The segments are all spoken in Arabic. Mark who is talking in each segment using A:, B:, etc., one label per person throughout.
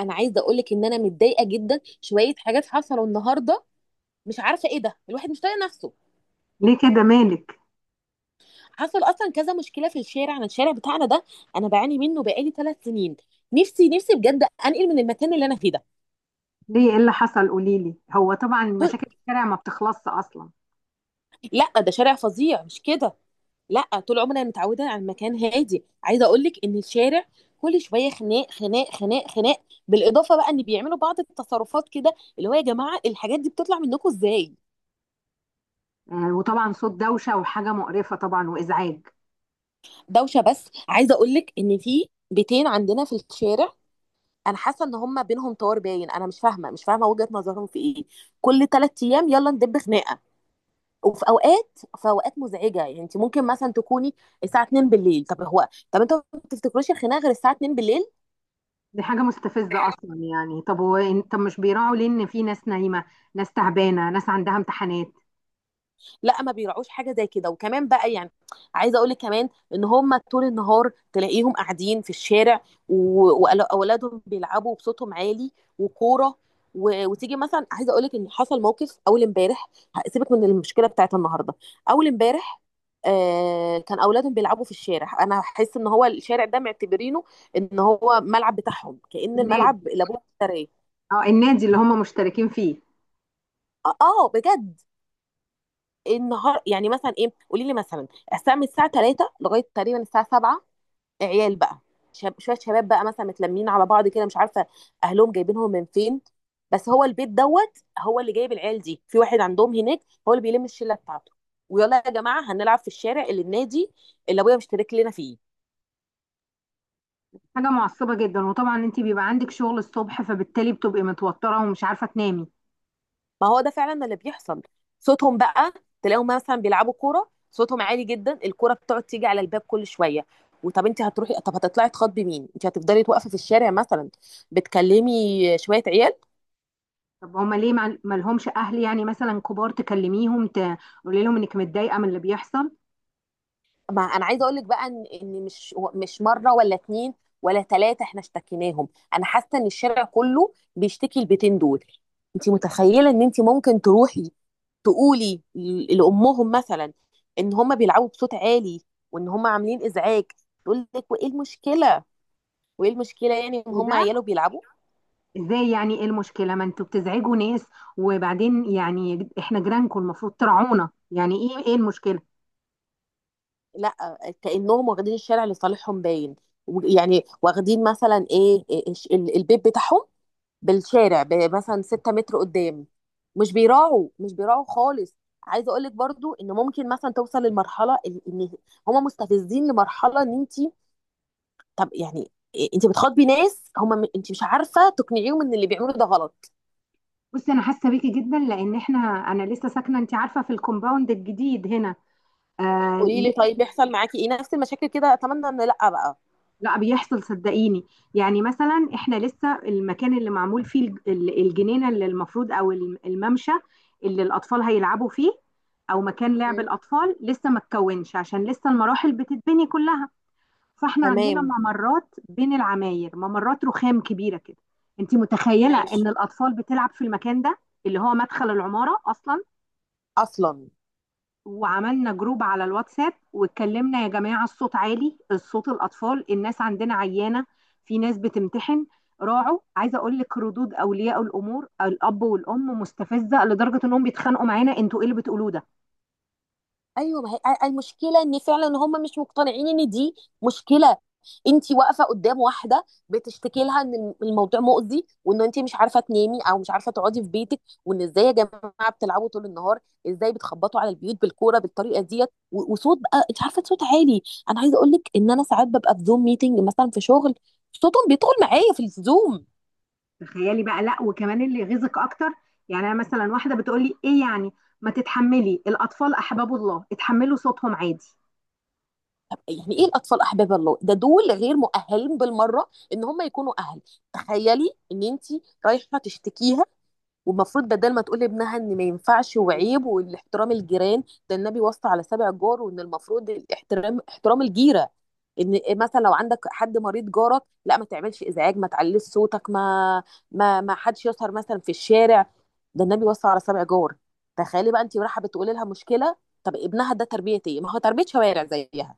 A: انا عايزه اقول لك ان انا متضايقه جدا شويه حاجات حصلوا النهارده. مش عارفه ايه ده، الواحد مش طايق نفسه.
B: ليه كده؟ مالك؟
A: حصل اصلا كذا مشكله في الشارع، الشارع بتاعنا ده انا بعاني منه بقالي ثلاث سنين. نفسي نفسي بجد انقل من المكان اللي انا فيه ده.
B: ليه، ايه اللي حصل؟ قوليلي. هو طبعا
A: ب-
B: مشاكل الشارع ما بتخلصش اصلا.
A: لا، ده شارع فظيع مش كده؟ لا، طول عمري انا متعوده على المكان هادي. عايزه اقول لك ان الشارع كل شويه خناق خناق خناق خناق، بالاضافه بقى ان بيعملوا بعض التصرفات كده، اللي هو يا جماعه الحاجات دي بتطلع منكم ازاي؟
B: آه، وطبعا صوت دوشه وحاجه مقرفه طبعا وازعاج.
A: دوشه، بس عايزه اقول لك ان في بيتين عندنا في الشارع، انا حاسه ان هم بينهم طار باين. انا مش فاهمه وجهه نظرهم في ايه. كل ثلاث ايام يلا ندب خناقه. وفي اوقات في اوقات مزعجه، يعني انت ممكن مثلا تكوني الساعه 2 بالليل. طب هو، طب انتوا ما بتفتكروش الخناقه غير الساعه 2 بالليل؟
B: دي حاجه مستفزه اصلا يعني. طب هو طب مش بيراعوا ليه ان في ناس نايمه، ناس تعبانه، ناس عندها امتحانات.
A: لا، ما بيراعوش حاجه زي كده. وكمان بقى يعني، عايزه اقول لك كمان ان هم طول النهار تلاقيهم قاعدين في الشارع، واولادهم بيلعبوا بصوتهم عالي وكوره وتيجي مثلا، عايزه اقول لك ان حصل موقف اول امبارح. سيبك من المشكله بتاعت النهارده، اول امبارح آه، كان اولادهم بيلعبوا في الشارع. انا احس ان هو الشارع ده معتبرينه ان هو ملعب بتاعهم، كأن
B: النادي.
A: الملعب اللي ابوه اشتراه.
B: اه، النادي اللي هم مشتركين فيه.
A: اه، آه، بجد. النهار يعني مثلا ايه؟ قولي لي مثلا الساعه من الساعه 3 لغايه تقريبا الساعه 7. عيال بقى، شويه شباب بقى مثلا متلمين على بعض كده. مش عارفه اهلهم جايبينهم من فين، بس هو البيت دوت هو اللي جايب العيال دي، في واحد عندهم هناك هو اللي بيلم الشله بتاعته. ويلا يا جماعه هنلعب في الشارع اللي النادي اللي ابويا مشترك لنا فيه.
B: حاجه معصبه جدا، وطبعا انت بيبقى عندك شغل الصبح، فبالتالي بتبقي متوتره ومش عارفه تنامي.
A: ما هو ده فعلا اللي بيحصل. صوتهم بقى، تلاقيهم مثلا بيلعبوا كوره صوتهم عالي جدا، الكوره بتقعد تيجي على الباب كل شويه. وطب انت هتروحي؟ طب هتطلعي تخاطبي مين؟ انت هتفضلي واقفه في الشارع مثلا بتكلمي شويه عيال؟
B: طب هما ليه ما لهمش اهل يعني، مثلا كبار تكلميهم تقولي لهم انك متضايقه من اللي بيحصل؟
A: ما انا عايزه اقول لك بقى ان إن مش مش مره ولا اتنين ولا ثلاثه احنا اشتكيناهم. انا حاسه ان الشارع كله بيشتكي البيتين دول. انت متخيله ان انت ممكن تروحي تقولي لامهم مثلا ان هم بيلعبوا بصوت عالي، وان هم عاملين ازعاج، تقول لك وايه المشكله؟ وايه المشكله يعني ان هم
B: ده
A: عياله بيلعبوا؟
B: ازاي يعني؟ ايه المشكلة؟ ما انتوا بتزعجوا ناس، وبعدين يعني احنا جيرانكم، المفروض ترعونا. يعني ايه؟ ايه المشكلة؟
A: لا، كانهم واخدين الشارع لصالحهم باين. يعني واخدين مثلا ايه، البيت بتاعهم بالشارع مثلا 6 متر قدام. مش بيراعوا مش بيراعوا خالص. عايزه اقول لك برضو ان ممكن مثلا توصل للمرحله ان هم مستفزين لمرحله ان انت، طب يعني إيه، انت بتخاطبي ناس هم، انت مش عارفه تقنعيهم ان اللي بيعملوه ده غلط.
B: بصي، انا حاسة بيكي جدا، لان احنا، انا لسه ساكنة، انت عارفة، في الكومباوند الجديد هنا. آه
A: قولي لي
B: لسه-
A: طيب، بيحصل معاكي ايه، نفس المشاكل كده؟ اتمنى ان لا بقى.
B: لا، بيحصل صدقيني. يعني مثلا احنا لسه المكان اللي معمول فيه الجنينة اللي المفروض، او الممشى اللي الاطفال هيلعبوا فيه، او مكان لعب
A: مم.
B: الاطفال، لسه ما اتكونش، عشان لسه المراحل بتتبني كلها. فاحنا عندنا
A: تمام.
B: ممرات بين العماير، ممرات رخام كبيره كده. انت متخيله
A: ماشي.
B: ان الاطفال بتلعب في المكان ده؟ اللي هو مدخل العماره اصلا.
A: اصلا.
B: وعملنا جروب على الواتساب، واتكلمنا يا جماعه الصوت عالي، الصوت، الاطفال، الناس عندنا عيانه، في ناس بتمتحن، راعوا. عايزه اقول لك، ردود اولياء الامور الاب والام مستفزه لدرجه انهم بيتخانقوا معانا: انتوا ايه اللي بتقولوه ده؟
A: ايوه، ما هي المشكله ان فعلا هم مش مقتنعين ان دي مشكله. انت واقفه قدام واحده بتشتكي لها ان الموضوع مؤذي، وان انت مش عارفه تنامي او مش عارفه تقعدي في بيتك، وان ازاي يا جماعه بتلعبوا طول النهار؟ ازاي بتخبطوا على البيوت بالكوره بالطريقه ديت وصوت بقى، انت عارفه، صوت عالي. انا عايزه اقول لك ان انا ساعات ببقى في زوم ميتنج مثلا في شغل، صوتهم بيدخل معايا في الزوم.
B: تخيلي بقى. لا، وكمان اللي يغيظك اكتر، يعني انا مثلا واحده بتقول لي ايه يعني، ما تتحملي؟ الاطفال احباب الله، اتحملوا صوتهم عادي.
A: طب يعني ايه الاطفال احباب الله ده؟ دول غير مؤهلين بالمره ان هم يكونوا اهل. تخيلي ان انت رايحه تشتكيها، والمفروض بدل ما تقول لابنها ان ما ينفعش وعيب والاحترام الجيران، ده النبي وصى على سبع جار، وان المفروض الاحترام احترام الجيره. ان مثلا لو عندك حد مريض جارك، لا، ما تعملش ازعاج، ما تعليش صوتك، ما حدش يسهر مثلا في الشارع. ده النبي وصى على سبع جار. تخيلي بقى انت رايحه بتقولي لها مشكله، طب ابنها ده تربيه ايه؟ ما هو تربيه شوارع زيها.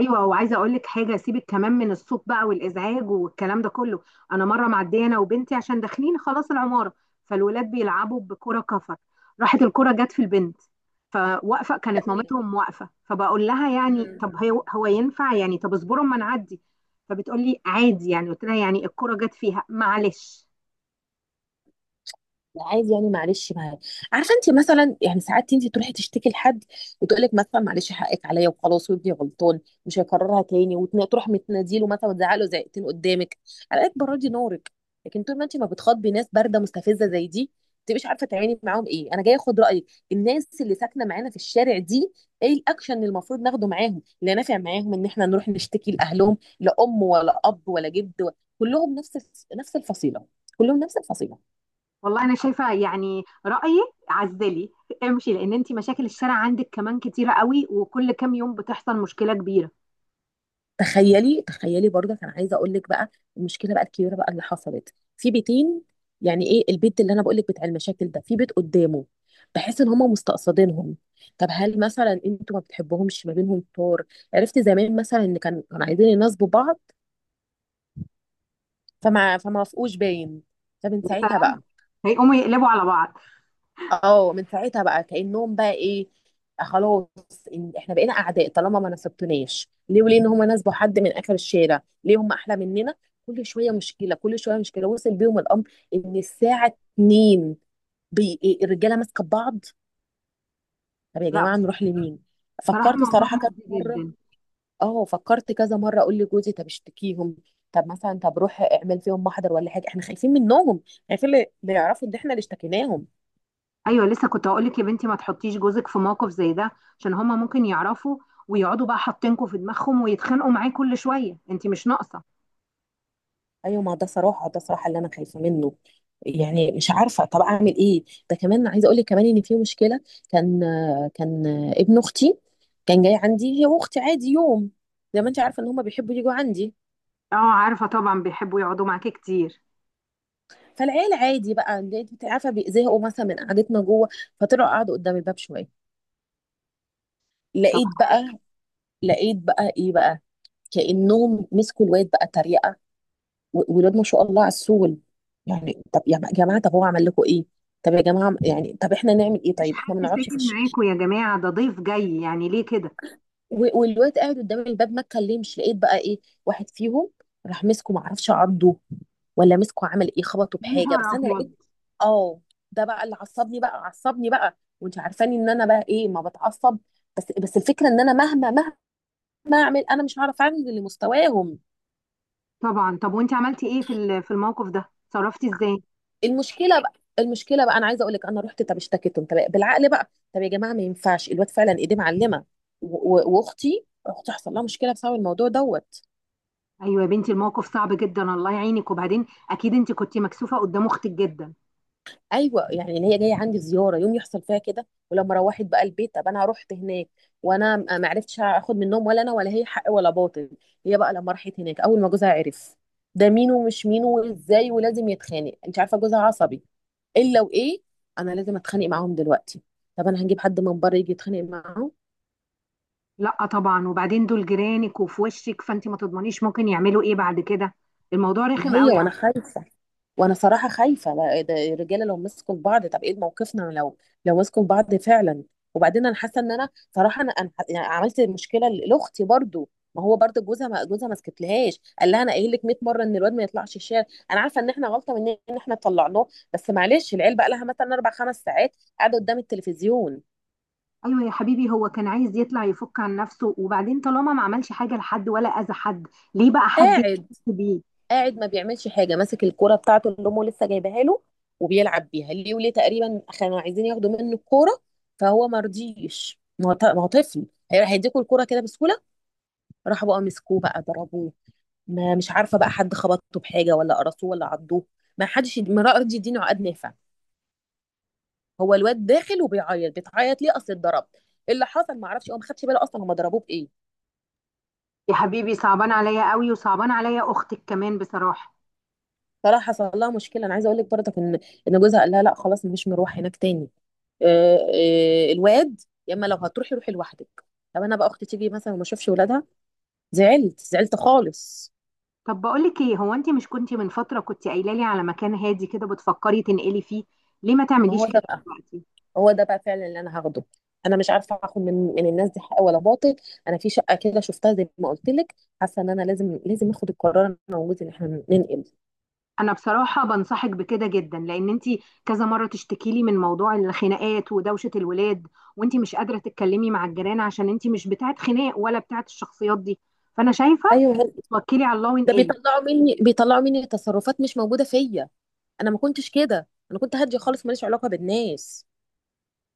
B: ايوه، وعايزه اقول لك حاجه، سيبك كمان من الصوت بقى والازعاج والكلام ده كله. انا مره معديه انا وبنتي، عشان داخلين خلاص العماره، فالولاد بيلعبوا بكره كفر، راحت الكره جت في البنت. فواقفه، كانت
A: تمام.
B: مامتهم واقفه، فبقول لها يعني
A: مم.
B: طب هو ينفع يعني؟ طب اصبروا اما نعدي. فبتقول لي عادي يعني. قلت لها يعني الكره جت فيها معلش.
A: عادي يعني، معلش، معايا. عارفه انت مثلا يعني ساعات انت تروحي تشتكي لحد، وتقول لك مثلا معلش حقك عليا، وخلاص وابني غلطان مش هيكررها تاني، وتروح متناديله مثلا وتزعله زعقتين قدامك، على قد بردي نورك. لكن طول ما انت ما بتخاطبي ناس بارده مستفزه زي دي، ما تبقيش عارفه تعملي معاهم ايه. انا جايه اخد رايك، الناس اللي ساكنه معانا في الشارع دي، ايه الاكشن اللي المفروض ناخده معاهم؟ اللي نافع معاهم ان احنا نروح نشتكي لاهلهم؟ لا ام ولا اب ولا جد كلهم نفس، نفس الفصيله، كلهم نفس الفصيله.
B: والله انا شايفه، يعني رايي، عزلي، امشي. لان انت مشاكل الشارع عندك كمان كتيره قوي، وكل كام يوم بتحصل مشكله كبيره.
A: تخيلي تخيلي برضه، انا عايزه اقول لك بقى المشكله بقى الكبيره بقى اللي حصلت في بيتين. يعني ايه البيت اللي انا بقول لك بتاع المشاكل ده؟ في بيت قدامه بحس ان هم مستقصدينهم. طب هل مثلا انتوا ما بتحبوهمش؟ ما بينهم طور؟ عرفت زمان مثلا ان كانوا عايزين يناسبوا بعض، فما وافقوش باين. طب انت ساعتها بقى،
B: هيقوموا يقلبوا على بعض.
A: اه، من ساعتها بقى كأنهم بقى ايه، آه، خلاص، إن احنا بقينا اعداء طالما ما نصبتوناش، ليه وليه ان هم ناسبوا حد من اخر الشارع، ليه هم احلى مننا؟ كل شويه مشكله كل شويه مشكله، وصل بيهم الامر ان الساعه 2 بي... إيه، الرجاله ماسكه ببعض. طب يا
B: لا
A: جماعه
B: بس،
A: نروح لمين؟
B: بصراحه
A: فكرت
B: موضوع
A: صراحه كذا
B: مؤذي
A: مره.
B: جدا.
A: اه فكرت كذا مره اقول لجوزي طب اشتكيهم، طب مثلا طب روح اعمل فيهم محضر ولا حاجه، احنا خايفين منهم، خايفين اللي يعرفوا ان احنا اللي اشتكيناهم.
B: ايوه، لسه كنت هقول لك يا بنتي ما تحطيش جوزك في موقف زي ده، عشان هما ممكن يعرفوا، ويقعدوا بقى حاطينكوا في دماغهم ويتخانقوا معاه كل شويه، انت مش ناقصه.
A: ايوه، ما ده صراحه ده صراحه اللي انا خايفه منه، يعني مش عارفه طب اعمل ايه. ده كمان عايزه اقول لك كمان ان في مشكله. كان كان ابن اختي كان جاي عندي هي واختي عادي يوم، زي ما انت عارفه ان هم بيحبوا يجوا عندي.
B: اه عارفه طبعا، بيحبوا يقعدوا معاكي كتير.
A: فالعيال عادي بقى، انت عارفه بيزهقوا مثلا من قعدتنا جوه، فطلعوا قعدوا قدام الباب شويه.
B: طب
A: لقيت بقى لقيت بقى ايه بقى، كانهم مسكوا الواد بقى تريقه، ولاد ما شاء الله عسول. يعني طب يا جماعه طب هو عمل لكم ايه؟ طب يا جماعه يعني طب احنا نعمل ايه؟
B: مفيش
A: طيب احنا
B: حد
A: ما نقعدش في
B: ساكن
A: الشكل.
B: معاكوا يا جماعه؟ ده ضيف جاي، يعني ليه كده؟
A: والواد قاعد قدام الباب ما اتكلمش. لقيت بقى ايه؟ واحد فيهم راح مسكه، ما اعرفش عضه ولا مسكه عمل ايه خبطه
B: يا
A: بحاجه،
B: نهار
A: بس انا
B: ابيض.
A: لقيت. اه، ده بقى اللي عصبني بقى، عصبني بقى، وانت عارفاني ان انا بقى ايه، ما بتعصب. بس الفكره ان انا مهما مهما اعمل انا مش هعرف اعمل لمستواهم.
B: طبعا. طب وانت عملتي ايه في في الموقف ده؟ اتصرفتي ازاي؟
A: المشكله بقى المشكله بقى، انا عايزه اقول لك انا رحت طب اشتكيتهم، طب بالعقل بقى، طب يا جماعه ما ينفعش، الواد فعلا ايديه معلمه، و اختي حصل لها مشكله بسبب الموضوع دوت.
B: ايوه يا بنتي، الموقف صعب جدا، الله يعينك. وبعدين اكيد انت كنت مكسوفه قدام اختك جدا.
A: ايوه يعني ان هي جايه عندي زياره يوم يحصل فيها كده، ولما روحت بقى البيت، طب انا رحت هناك، وانا ما عرفتش اخد منهم ولا انا ولا هي حق ولا باطل. هي بقى لما راحت هناك، اول ما جوزها عرف ده مين ومش مين وازاي، ولازم يتخانق، انت عارفه جوزها عصبي. الا وايه، انا لازم اتخانق معاهم دلوقتي؟ طب انا هنجيب حد من بره يجي يتخانق معاهم؟
B: لا طبعا، وبعدين دول جيرانك وفي وشك، فانت ما تضمنيش ممكن يعملوا ايه بعد كده. الموضوع
A: ما
B: رخم
A: هي
B: قوي.
A: وانا خايفه، وانا صراحه خايفه، لا، إيه ده، الرجاله لو مسكوا في بعض، طب ايه موقفنا لو مسكوا في بعض فعلا؟ وبعدين انا حاسه ان انا صراحه، يعني عملت مشكله لاختي برضو. ما هو برضو جوزها ما سكتلهاش، قال لها انا قايل لك 100 مره ان الواد ما يطلعش الشارع. انا عارفه ان احنا غلطه مننا ان احنا طلعناه، بس معلش، العيال بقى لها مثلا اربع خمس ساعات قاعده قدام التلفزيون.
B: ايوه يا حبيبي، هو كان عايز يطلع يفك عن نفسه، وبعدين طالما ما عملش حاجه لحد ولا اذى حد، ليه بقى حد يحس
A: قاعد
B: بيه؟
A: قاعد ما بيعملش حاجه، ماسك الكوره بتاعته اللي امه لسه جايباها له وبيلعب بيها، ليه وليه تقريبا كانوا عايزين ياخدوا منه الكوره، فهو ما رضيش، ما هو ما هو طفل، هيديكوا الكوره كده بسهوله؟ راحوا بقى مسكوه بقى ضربوه، ما مش عارفه بقى حد خبطه بحاجه ولا قرصوه ولا عضوه، ما حدش ما راضي يديني عقد نافع. هو الواد داخل وبيعيط، بتعيط ليه؟ اصل اتضرب. إيه اللي حصل؟ ما اعرفش، هو ما خدش باله اصلا هم ضربوه بايه.
B: يا حبيبي صعبان عليا قوي، وصعبان عليا اختك كمان بصراحه.
A: طلع حصل لها مشكله، انا عايزه اقول لك برضه ان جوزها قال لها لا خلاص مش مروح هناك تاني. آه، آه، الواد، يا اما لو هتروحي روحي لوحدك. طب انا بقى، اختي تيجي مثلا وما اشوفش ولادها؟ زعلت زعلت خالص.
B: طب بقولك ايه، هو انت مش كنتي من فترة كنتي قايلة لي على مكان هادي كده بتفكري تنقلي فيه؟ ليه ما
A: ما
B: تعمليش
A: هو ده
B: كده
A: بقى
B: دلوقتي؟
A: هو ده بقى فعلا اللي انا هاخده، انا مش عارفه اخد من الناس دي حق ولا باطل. انا في شقه كده شفتها زي ما قلت لك، حاسه ان انا لازم لازم اخد القرار انا وجوزي ان احنا ننقل.
B: انا بصراحة بنصحك بكده جدا، لان انت كذا مرة تشتكي لي من موضوع الخناقات ودوشة الولاد، وانت مش قادرة تتكلمي مع الجيران عشان انت مش بتاعت خناق ولا بتاعت الشخصيات دي. فانا شايفة
A: ايوه،
B: توكلي على الله
A: ده
B: وانقلي.
A: بيطلعوا مني بيطلعوا مني تصرفات مش موجوده فيا، انا ما كنتش كده، انا كنت هاديه خالص ماليش علاقه بالناس.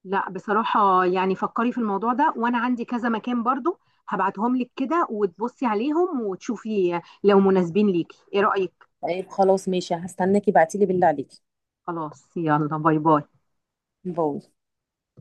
B: لا بصراحة، يعني فكري في الموضوع ده، وانا عندي كذا مكان برضو هبعتهم لك كده، وتبصي عليهم وتشوفي لو مناسبين ليكي. ايه رأيك؟
A: طيب، خلاص ماشي، هستناكي بعتيلي، بالله عليكي.
B: خلاص، يلا باي باي.
A: باي.